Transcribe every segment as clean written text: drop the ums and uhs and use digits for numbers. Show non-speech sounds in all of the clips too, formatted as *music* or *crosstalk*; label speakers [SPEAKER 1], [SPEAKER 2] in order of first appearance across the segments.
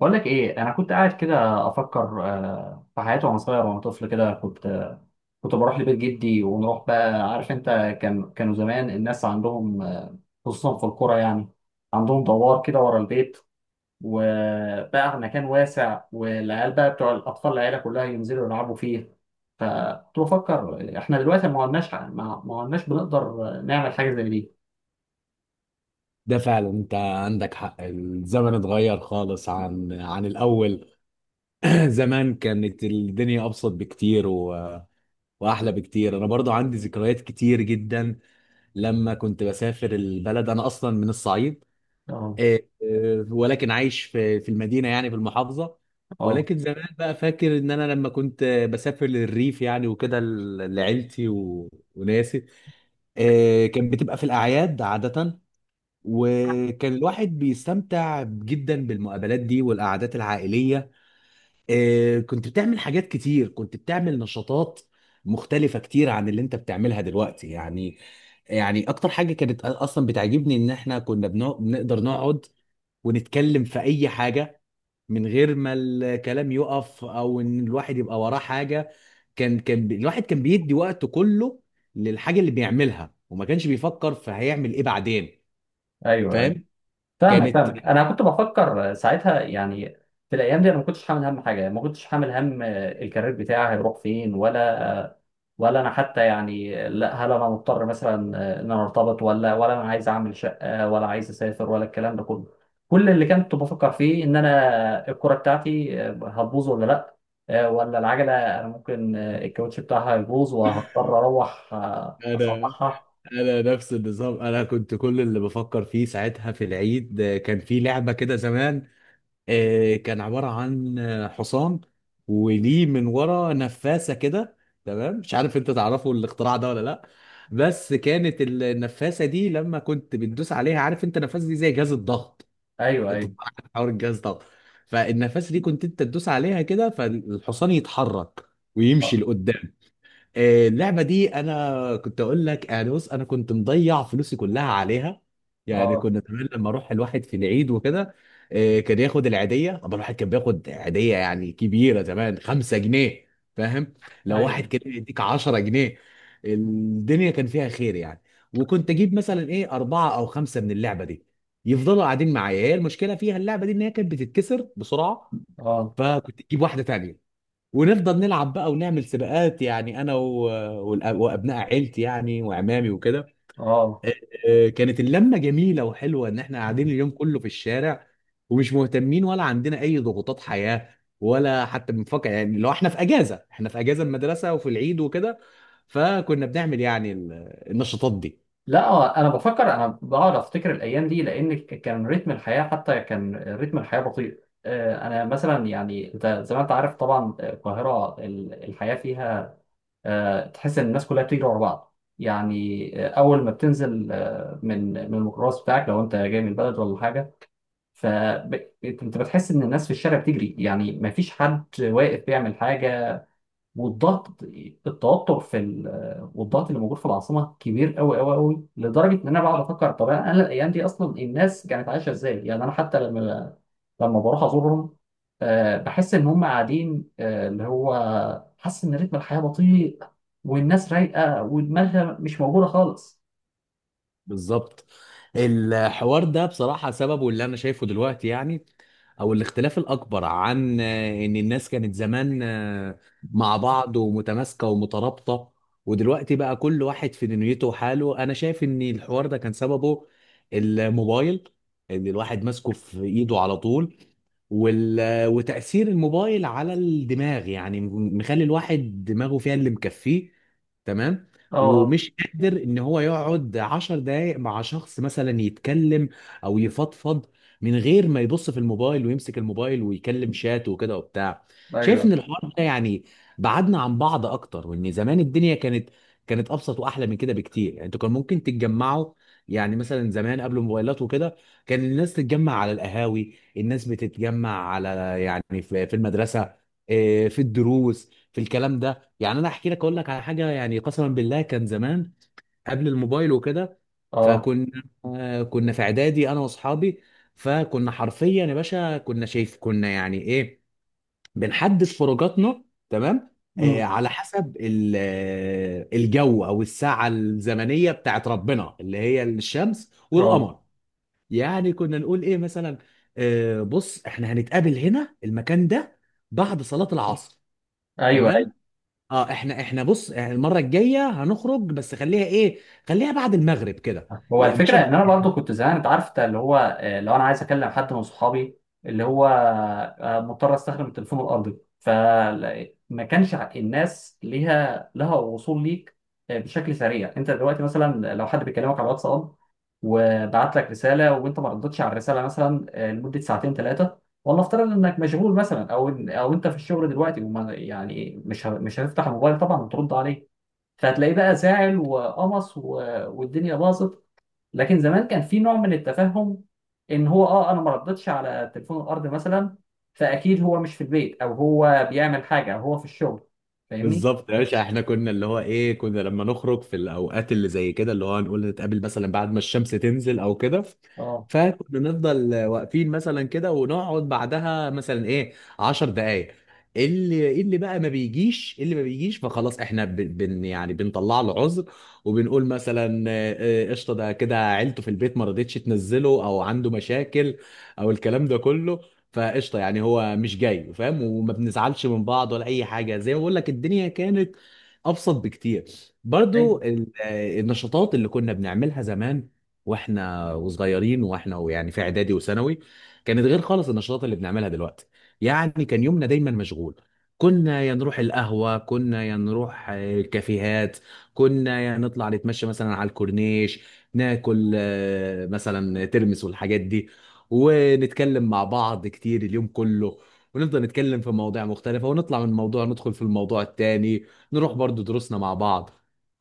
[SPEAKER 1] بقول لك ايه، انا كنت قاعد كده افكر في حياتي وانا صغير وانا طفل كده. كنت بروح لبيت جدي ونروح، بقى عارف انت. كانوا زمان الناس عندهم خصوصا في القرى، يعني عندهم دوار كده ورا البيت وبقى مكان واسع، والعيال بقى بتوع الاطفال العيله كلها ينزلوا يلعبوا فيه. فكنت بفكر احنا دلوقتي ما عدناش بنقدر نعمل حاجه زي دي.
[SPEAKER 2] ده فعلا انت عندك حق، الزمن اتغير خالص عن الاول. *clears throat* زمان كانت الدنيا ابسط بكتير واحلى بكتير. انا برضو عندي ذكريات كتير جدا لما كنت بسافر البلد، انا اصلا من الصعيد.
[SPEAKER 1] اه،
[SPEAKER 2] إيه، إيه، ولكن عايش في المدينة، يعني في المحافظة.
[SPEAKER 1] اه،
[SPEAKER 2] ولكن زمان بقى فاكر ان انا لما كنت بسافر للريف يعني وكده لعيلتي وناسي. إيه، كان بتبقى في الاعياد عادة، وكان الواحد بيستمتع جدا بالمقابلات دي والقعدات العائلية. كنت بتعمل حاجات كتير، كنت بتعمل نشاطات مختلفة كتير عن اللي انت بتعملها دلوقتي يعني. يعني اكتر حاجة كانت اصلا بتعجبني ان احنا كنا بنقدر نقعد ونتكلم في اي حاجة من غير ما الكلام يقف او ان الواحد يبقى وراه حاجة. الواحد كان بيدي وقته كله للحاجة اللي بيعملها، وما كانش بيفكر في هيعمل ايه بعدين.
[SPEAKER 1] ايوه.
[SPEAKER 2] فاهم.
[SPEAKER 1] فاهمك
[SPEAKER 2] كانت
[SPEAKER 1] فاهمك، انا كنت بفكر ساعتها، يعني في الايام دي انا ما كنتش حامل هم حاجه، يعني ما كنتش حامل هم الكارير بتاعي هيروح فين ولا انا حتى، يعني لا، هل انا مضطر مثلا ان انا ارتبط؟ ولا انا عايز اعمل شقه، ولا عايز اسافر، ولا الكلام ده كله. كل اللي كنت بفكر فيه ان انا الكوره بتاعتي هتبوظ ولا لا، ولا العجله انا ممكن الكاوتش بتاعها يبوظ وهضطر اروح
[SPEAKER 2] انا
[SPEAKER 1] اصلحها.
[SPEAKER 2] انا نفس النظام. انا كنت كل اللي بفكر فيه ساعتها في العيد، كان في لعبه كده زمان، كان عباره عن حصان وليه من ورا نفاسه كده. تمام، مش عارف انت تعرفوا الاختراع ده ولا لا. بس كانت النفاسه دي لما كنت بتدوس عليها، عارف انت النفاسه دي زي جهاز الضغط،
[SPEAKER 1] ايوه،
[SPEAKER 2] انت
[SPEAKER 1] ايوه،
[SPEAKER 2] طبعاً عارف حوار الجهاز الضغط. فالنفاسه دي كنت انت تدوس عليها كده، فالحصان يتحرك
[SPEAKER 1] اه،
[SPEAKER 2] ويمشي لقدام. اللعبة دي أنا كنت أقول لك يعني، بص أنا كنت مضيع فلوسي كلها عليها. يعني
[SPEAKER 1] آه،
[SPEAKER 2] كنا زمان لما أروح الواحد في العيد وكده، كان ياخد العيدية، طبعا الواحد كان بياخد عيدية يعني كبيرة زمان، 5 جنيه. فاهم؟ لو واحد
[SPEAKER 1] ايوه،
[SPEAKER 2] كان يديك 10 جنيه الدنيا كان فيها خير يعني. وكنت أجيب مثلا إيه أربعة أو خمسة من اللعبة دي يفضلوا قاعدين معايا. هي المشكلة فيها اللعبة دي إن هي كانت بتتكسر بسرعة،
[SPEAKER 1] اه،
[SPEAKER 2] فكنت تجيب واحدة تانية، ونفضل نلعب بقى ونعمل سباقات يعني انا وابناء عيلتي يعني وعمامي وكده.
[SPEAKER 1] اه،
[SPEAKER 2] آه، كانت اللمه جميله وحلوه ان احنا قاعدين اليوم كله في الشارع ومش مهتمين ولا عندنا اي ضغوطات حياه، ولا حتى بنفكر يعني، لو احنا في اجازه، احنا في اجازه المدرسه وفي العيد وكده، فكنا بنعمل يعني النشاطات دي.
[SPEAKER 1] لا. هو انا بفكر، انا بقعد افتكر الايام دي، لان كان رتم الحياه، حتى كان رتم الحياه بطيء. انا مثلا يعني، انت زي ما انت عارف طبعا، القاهره الحياه فيها تحس ان الناس كلها بتجري ورا بعض، يعني اول ما بتنزل من الميكروباص بتاعك لو انت جاي من البلد ولا حاجه، فانت بتحس ان الناس في الشارع بتجري، يعني ما فيش حد واقف بيعمل حاجه. والضغط، التوتر في والضغط اللي موجود في العاصمه كبير قوي قوي قوي، لدرجه ان انا بقعد افكر طب انا الايام دي اصلا الناس كانت عايشه ازاي؟ يعني انا حتى لما بروح ازورهم، بحس ان هم قاعدين، اللي هو حاسس ان رتم الحياه بطيء، والناس رايقه ودماغها مش موجوده خالص.
[SPEAKER 2] بالظبط، الحوار ده بصراحة سببه اللي أنا شايفه دلوقتي يعني، أو الاختلاف الأكبر عن، إن الناس كانت زمان مع بعض، ومتماسكة ومترابطة، ودلوقتي بقى كل واحد في دنيته وحاله. أنا شايف إن الحوار ده كان سببه الموبايل، إن الواحد ماسكه في إيده على طول. وال... وتأثير الموبايل على الدماغ يعني مخلي الواحد دماغه فيها اللي مكفيه. تمام.
[SPEAKER 1] اه،
[SPEAKER 2] ومش قادر ان هو يقعد عشر دقايق مع شخص مثلا يتكلم او يفضفض من غير ما يبص في الموبايل ويمسك الموبايل ويكلم شات وكده وبتاع. شايف ان
[SPEAKER 1] ايوه،
[SPEAKER 2] الحوار ده يعني بعدنا عن بعض اكتر، وان زمان الدنيا كانت ابسط واحلى من كده بكتير. يعني انتوا كان ممكن تتجمعوا، يعني مثلا زمان قبل الموبايلات وكده كان الناس تتجمع على القهاوي، الناس بتتجمع على، يعني في المدرسه. إيه، في الدروس، في الكلام ده يعني، انا احكي لك اقول لك على حاجه، يعني قسما بالله كان زمان قبل الموبايل وكده،
[SPEAKER 1] اه،
[SPEAKER 2] فكنا كنا في اعدادي انا واصحابي، فكنا حرفيا يا باشا، كنا شايف كنا يعني ايه، بنحدد خروجاتنا. تمام.
[SPEAKER 1] امم،
[SPEAKER 2] على حسب الجو او الساعه الزمنيه بتاعت ربنا اللي هي الشمس
[SPEAKER 1] اه،
[SPEAKER 2] والقمر. يعني كنا نقول ايه مثلا، بص احنا هنتقابل هنا المكان ده بعد صلاة العصر.
[SPEAKER 1] ايوه.
[SPEAKER 2] تمام. اه احنا بص، يعني المرة الجاية هنخرج، بس خليها ايه، خليها بعد المغرب كده.
[SPEAKER 1] هو
[SPEAKER 2] يا
[SPEAKER 1] الفكرة
[SPEAKER 2] باشا،
[SPEAKER 1] إن أنا برضو كنت زمان، أنت عارف، أنت اللي هو، لو أنا عايز أكلم حد من صحابي، اللي هو مضطر أستخدم التليفون الأرضي. فما كانش الناس لها وصول ليك بشكل سريع. أنت دلوقتي مثلا لو حد بيكلمك على الواتساب وبعت لك رسالة وأنت ما ردتش على الرسالة مثلا لمدة ساعتين ثلاثة، والله افترض إنك مشغول مثلا، أو أنت في الشغل دلوقتي، وما يعني مش هتفتح الموبايل طبعا وترد عليه. فهتلاقيه بقى زعل وقمص والدنيا باظت. لكن زمان كان في نوع من التفهم ان هو اه انا ما ردتش على تليفون الارض مثلا، فاكيد هو مش في البيت، او هو بيعمل حاجه، او هو في الشغل. فاهمني.
[SPEAKER 2] بالظبط يا باشا، احنا كنا اللي هو ايه، كنا لما نخرج في الاوقات اللي زي كده، اللي هو نقول نتقابل مثلا بعد ما الشمس تنزل او كده،
[SPEAKER 1] اه،
[SPEAKER 2] فكنا نفضل واقفين مثلا كده ونقعد بعدها مثلا ايه 10 دقايق، اللي بقى ما بيجيش، اللي ما بيجيش فخلاص احنا ب- بن يعني بنطلع له عذر. وبنقول مثلا قشطه، ده كده عيلته في البيت ما رضتش تنزله، او عنده مشاكل، او الكلام ده كله، فقشطه يعني هو مش جاي، فاهم، وما بنزعلش من بعض ولا اي حاجه. زي ما بقول لك الدنيا كانت ابسط بكتير.
[SPEAKER 1] ايوه،
[SPEAKER 2] برضو النشاطات اللي كنا بنعملها زمان واحنا وصغيرين، واحنا يعني في اعدادي وثانوي، كانت غير خالص النشاطات اللي بنعملها دلوقتي. يعني كان يومنا دايما مشغول، كنا يا نروح القهوة، كنا يا نروح الكافيهات، كنا يا نطلع نتمشى مثلا على الكورنيش، ناكل مثلا ترمس والحاجات دي، ونتكلم مع بعض كتير اليوم كله، ونفضل نتكلم في مواضيع مختلفة ونطلع من موضوع ندخل في الموضوع التاني، نروح برضو دروسنا مع بعض.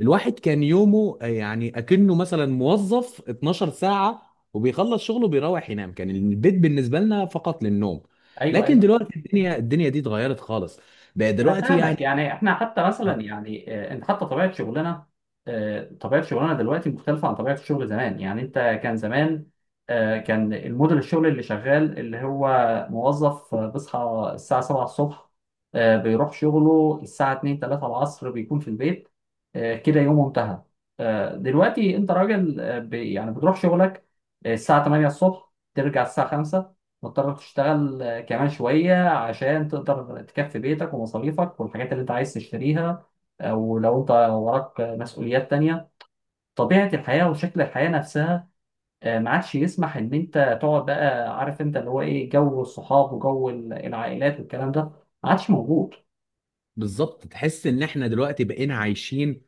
[SPEAKER 2] الواحد كان يومه يعني أكنه مثلا موظف 12 ساعة، وبيخلص شغله بيروح ينام. كان البيت بالنسبة لنا فقط للنوم.
[SPEAKER 1] ايوه،
[SPEAKER 2] لكن
[SPEAKER 1] ايوه.
[SPEAKER 2] دلوقتي الدنيا، دي اتغيرت خالص. بقى
[SPEAKER 1] انا
[SPEAKER 2] دلوقتي
[SPEAKER 1] فاهمك،
[SPEAKER 2] يعني،
[SPEAKER 1] يعني احنا حتى مثلا يعني، انت حتى طبيعه شغلنا، طبيعه شغلنا دلوقتي مختلفه عن طبيعه الشغل زمان، يعني انت كان زمان، كان الموديل الشغل اللي شغال اللي هو موظف، بيصحى الساعه 7 الصبح، بيروح شغله الساعه 2 3 العصر، بيكون في البيت. كده يومه انتهى. دلوقتي انت راجل، يعني بتروح شغلك الساعه 8 الصبح، ترجع الساعه 5، مضطر تشتغل كمان شوية عشان تقدر تكفي بيتك ومصاريفك والحاجات اللي انت عايز تشتريها، او لو انت وراك مسؤوليات تانية. طبيعة الحياة وشكل الحياة نفسها ما عادش يسمح ان انت تقعد، بقى عارف انت اللي هو ايه، جو الصحاب وجو العائلات والكلام ده ما عادش موجود.
[SPEAKER 2] بالظبط، تحس ان احنا دلوقتي بقينا عايشين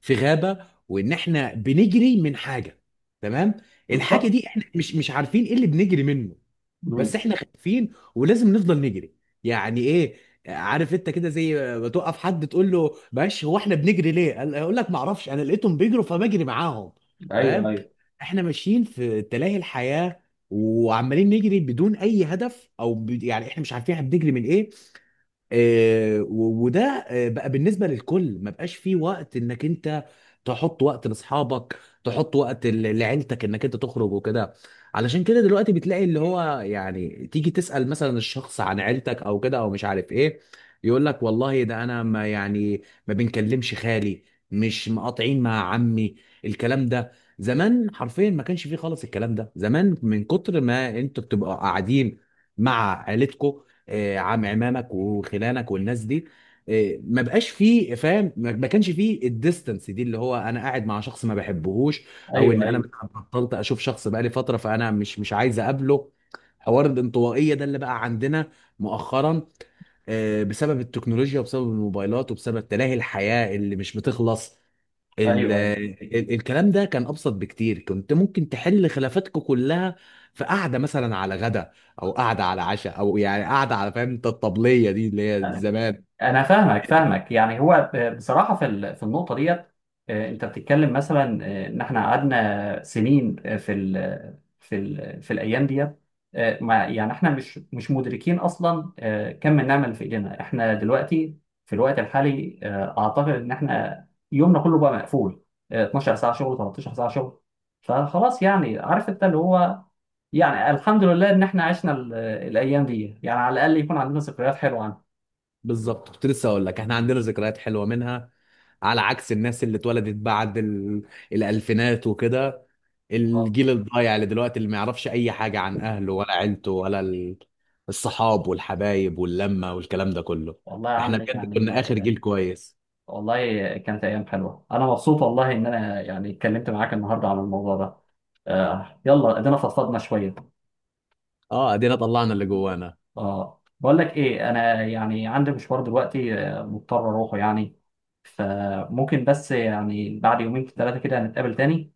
[SPEAKER 2] في غابة، وان احنا بنجري من حاجة. تمام. الحاجة
[SPEAKER 1] بالظبط.
[SPEAKER 2] دي احنا مش عارفين ايه اللي بنجري منه، بس
[SPEAKER 1] مم.
[SPEAKER 2] احنا خايفين ولازم نفضل نجري. يعني ايه، عارف انت كده، زي ما توقف حد تقول له معلش، هو احنا بنجري ليه، يقول لك ما اعرفش، انا لقيتهم بيجروا فبجري معاهم. فاهم.
[SPEAKER 1] ايوه، ايوه،
[SPEAKER 2] احنا ماشيين في تلاهي الحياة، وعمالين نجري بدون اي هدف او يعني احنا مش عارفين احنا بنجري من ايه. وده بقى بالنسبه للكل، ما بقاش فيه وقت انك انت تحط وقت لاصحابك، تحط وقت لعيلتك، انك انت تخرج وكده. علشان كده دلوقتي بتلاقي اللي هو، يعني تيجي تسال مثلا الشخص عن عيلتك او كده او مش عارف ايه، يقول لك والله ده انا ما يعني، ما بنكلمش خالي، مش مقاطعين مع عمي، الكلام ده. زمان حرفيا ما كانش فيه خالص الكلام ده. زمان من كتر ما انتوا بتبقوا قاعدين مع عيلتكم، عمامك وخلانك والناس دي. ما بقاش فيه، فاهم، ما كانش فيه الديستنس دي اللي هو انا قاعد مع شخص ما بحبهوش، او ان
[SPEAKER 1] ايوه،
[SPEAKER 2] انا
[SPEAKER 1] ايوه،
[SPEAKER 2] بطلت اشوف شخص بقالي فتره، فانا مش عايز اقابله. حوار الانطوائيه ده اللي بقى عندنا مؤخرا بسبب التكنولوجيا وبسبب الموبايلات وبسبب تلاهي الحياه اللي مش بتخلص. ال
[SPEAKER 1] ايوه،
[SPEAKER 2] ال الكلام ده كان ابسط بكتير، كنت ممكن تحل خلافاتكم كلها في قعده مثلا على غدا، او قعده على عشاء، او يعني قعده على، فاهم انت، الطبليه دي اللي هي
[SPEAKER 1] ايوه.
[SPEAKER 2] زمان.
[SPEAKER 1] انا فاهمك فاهمك، يعني هو بصراحه في في النقطه ديت، انت بتتكلم مثلا ان احنا قعدنا سنين في الايام ديت، ما يعني احنا مش مدركين اصلا كم النعمه اللي في ايدينا احنا دلوقتي في الوقت الحالي. اعتقد ان احنا يومنا كله بقى مقفول، 12 ساعه شغل، 13 ساعه شغل. فخلاص، يعني عارف انت اللي هو، يعني الحمد لله ان احنا عشنا الايام دي، يعني على الاقل يكون عندنا ذكريات حلوه
[SPEAKER 2] بالظبط، كنت لسه اقول لك احنا عندنا ذكريات حلوه منها، على عكس الناس اللي اتولدت بعد الالفينات وكده،
[SPEAKER 1] عنها.
[SPEAKER 2] الجيل الضايع اللي دلوقتي، اللي ما يعرفش اي حاجه عن اهله ولا عيلته ولا الصحاب والحبايب واللمه والكلام ده كله.
[SPEAKER 1] والله يا
[SPEAKER 2] احنا
[SPEAKER 1] عم،
[SPEAKER 2] بجد
[SPEAKER 1] يعني
[SPEAKER 2] كنا اخر جيل كويس.
[SPEAKER 1] والله كانت أيام حلوة. أنا مبسوط والله إن أنا يعني اتكلمت معاك النهاردة عن الموضوع ده. يلا، ادينا فضفضنا شوية.
[SPEAKER 2] اه، ادينا طلعنا اللي جوانا.
[SPEAKER 1] اه، بقول لك إيه، أنا يعني عندي مشوار دلوقتي مضطر أروحه يعني، فممكن بس يعني بعد يومين ثلاثة كده نتقابل تاني.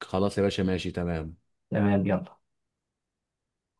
[SPEAKER 2] خلاص يا باشا، ماشي، تمام.
[SPEAKER 1] تمام، يلا.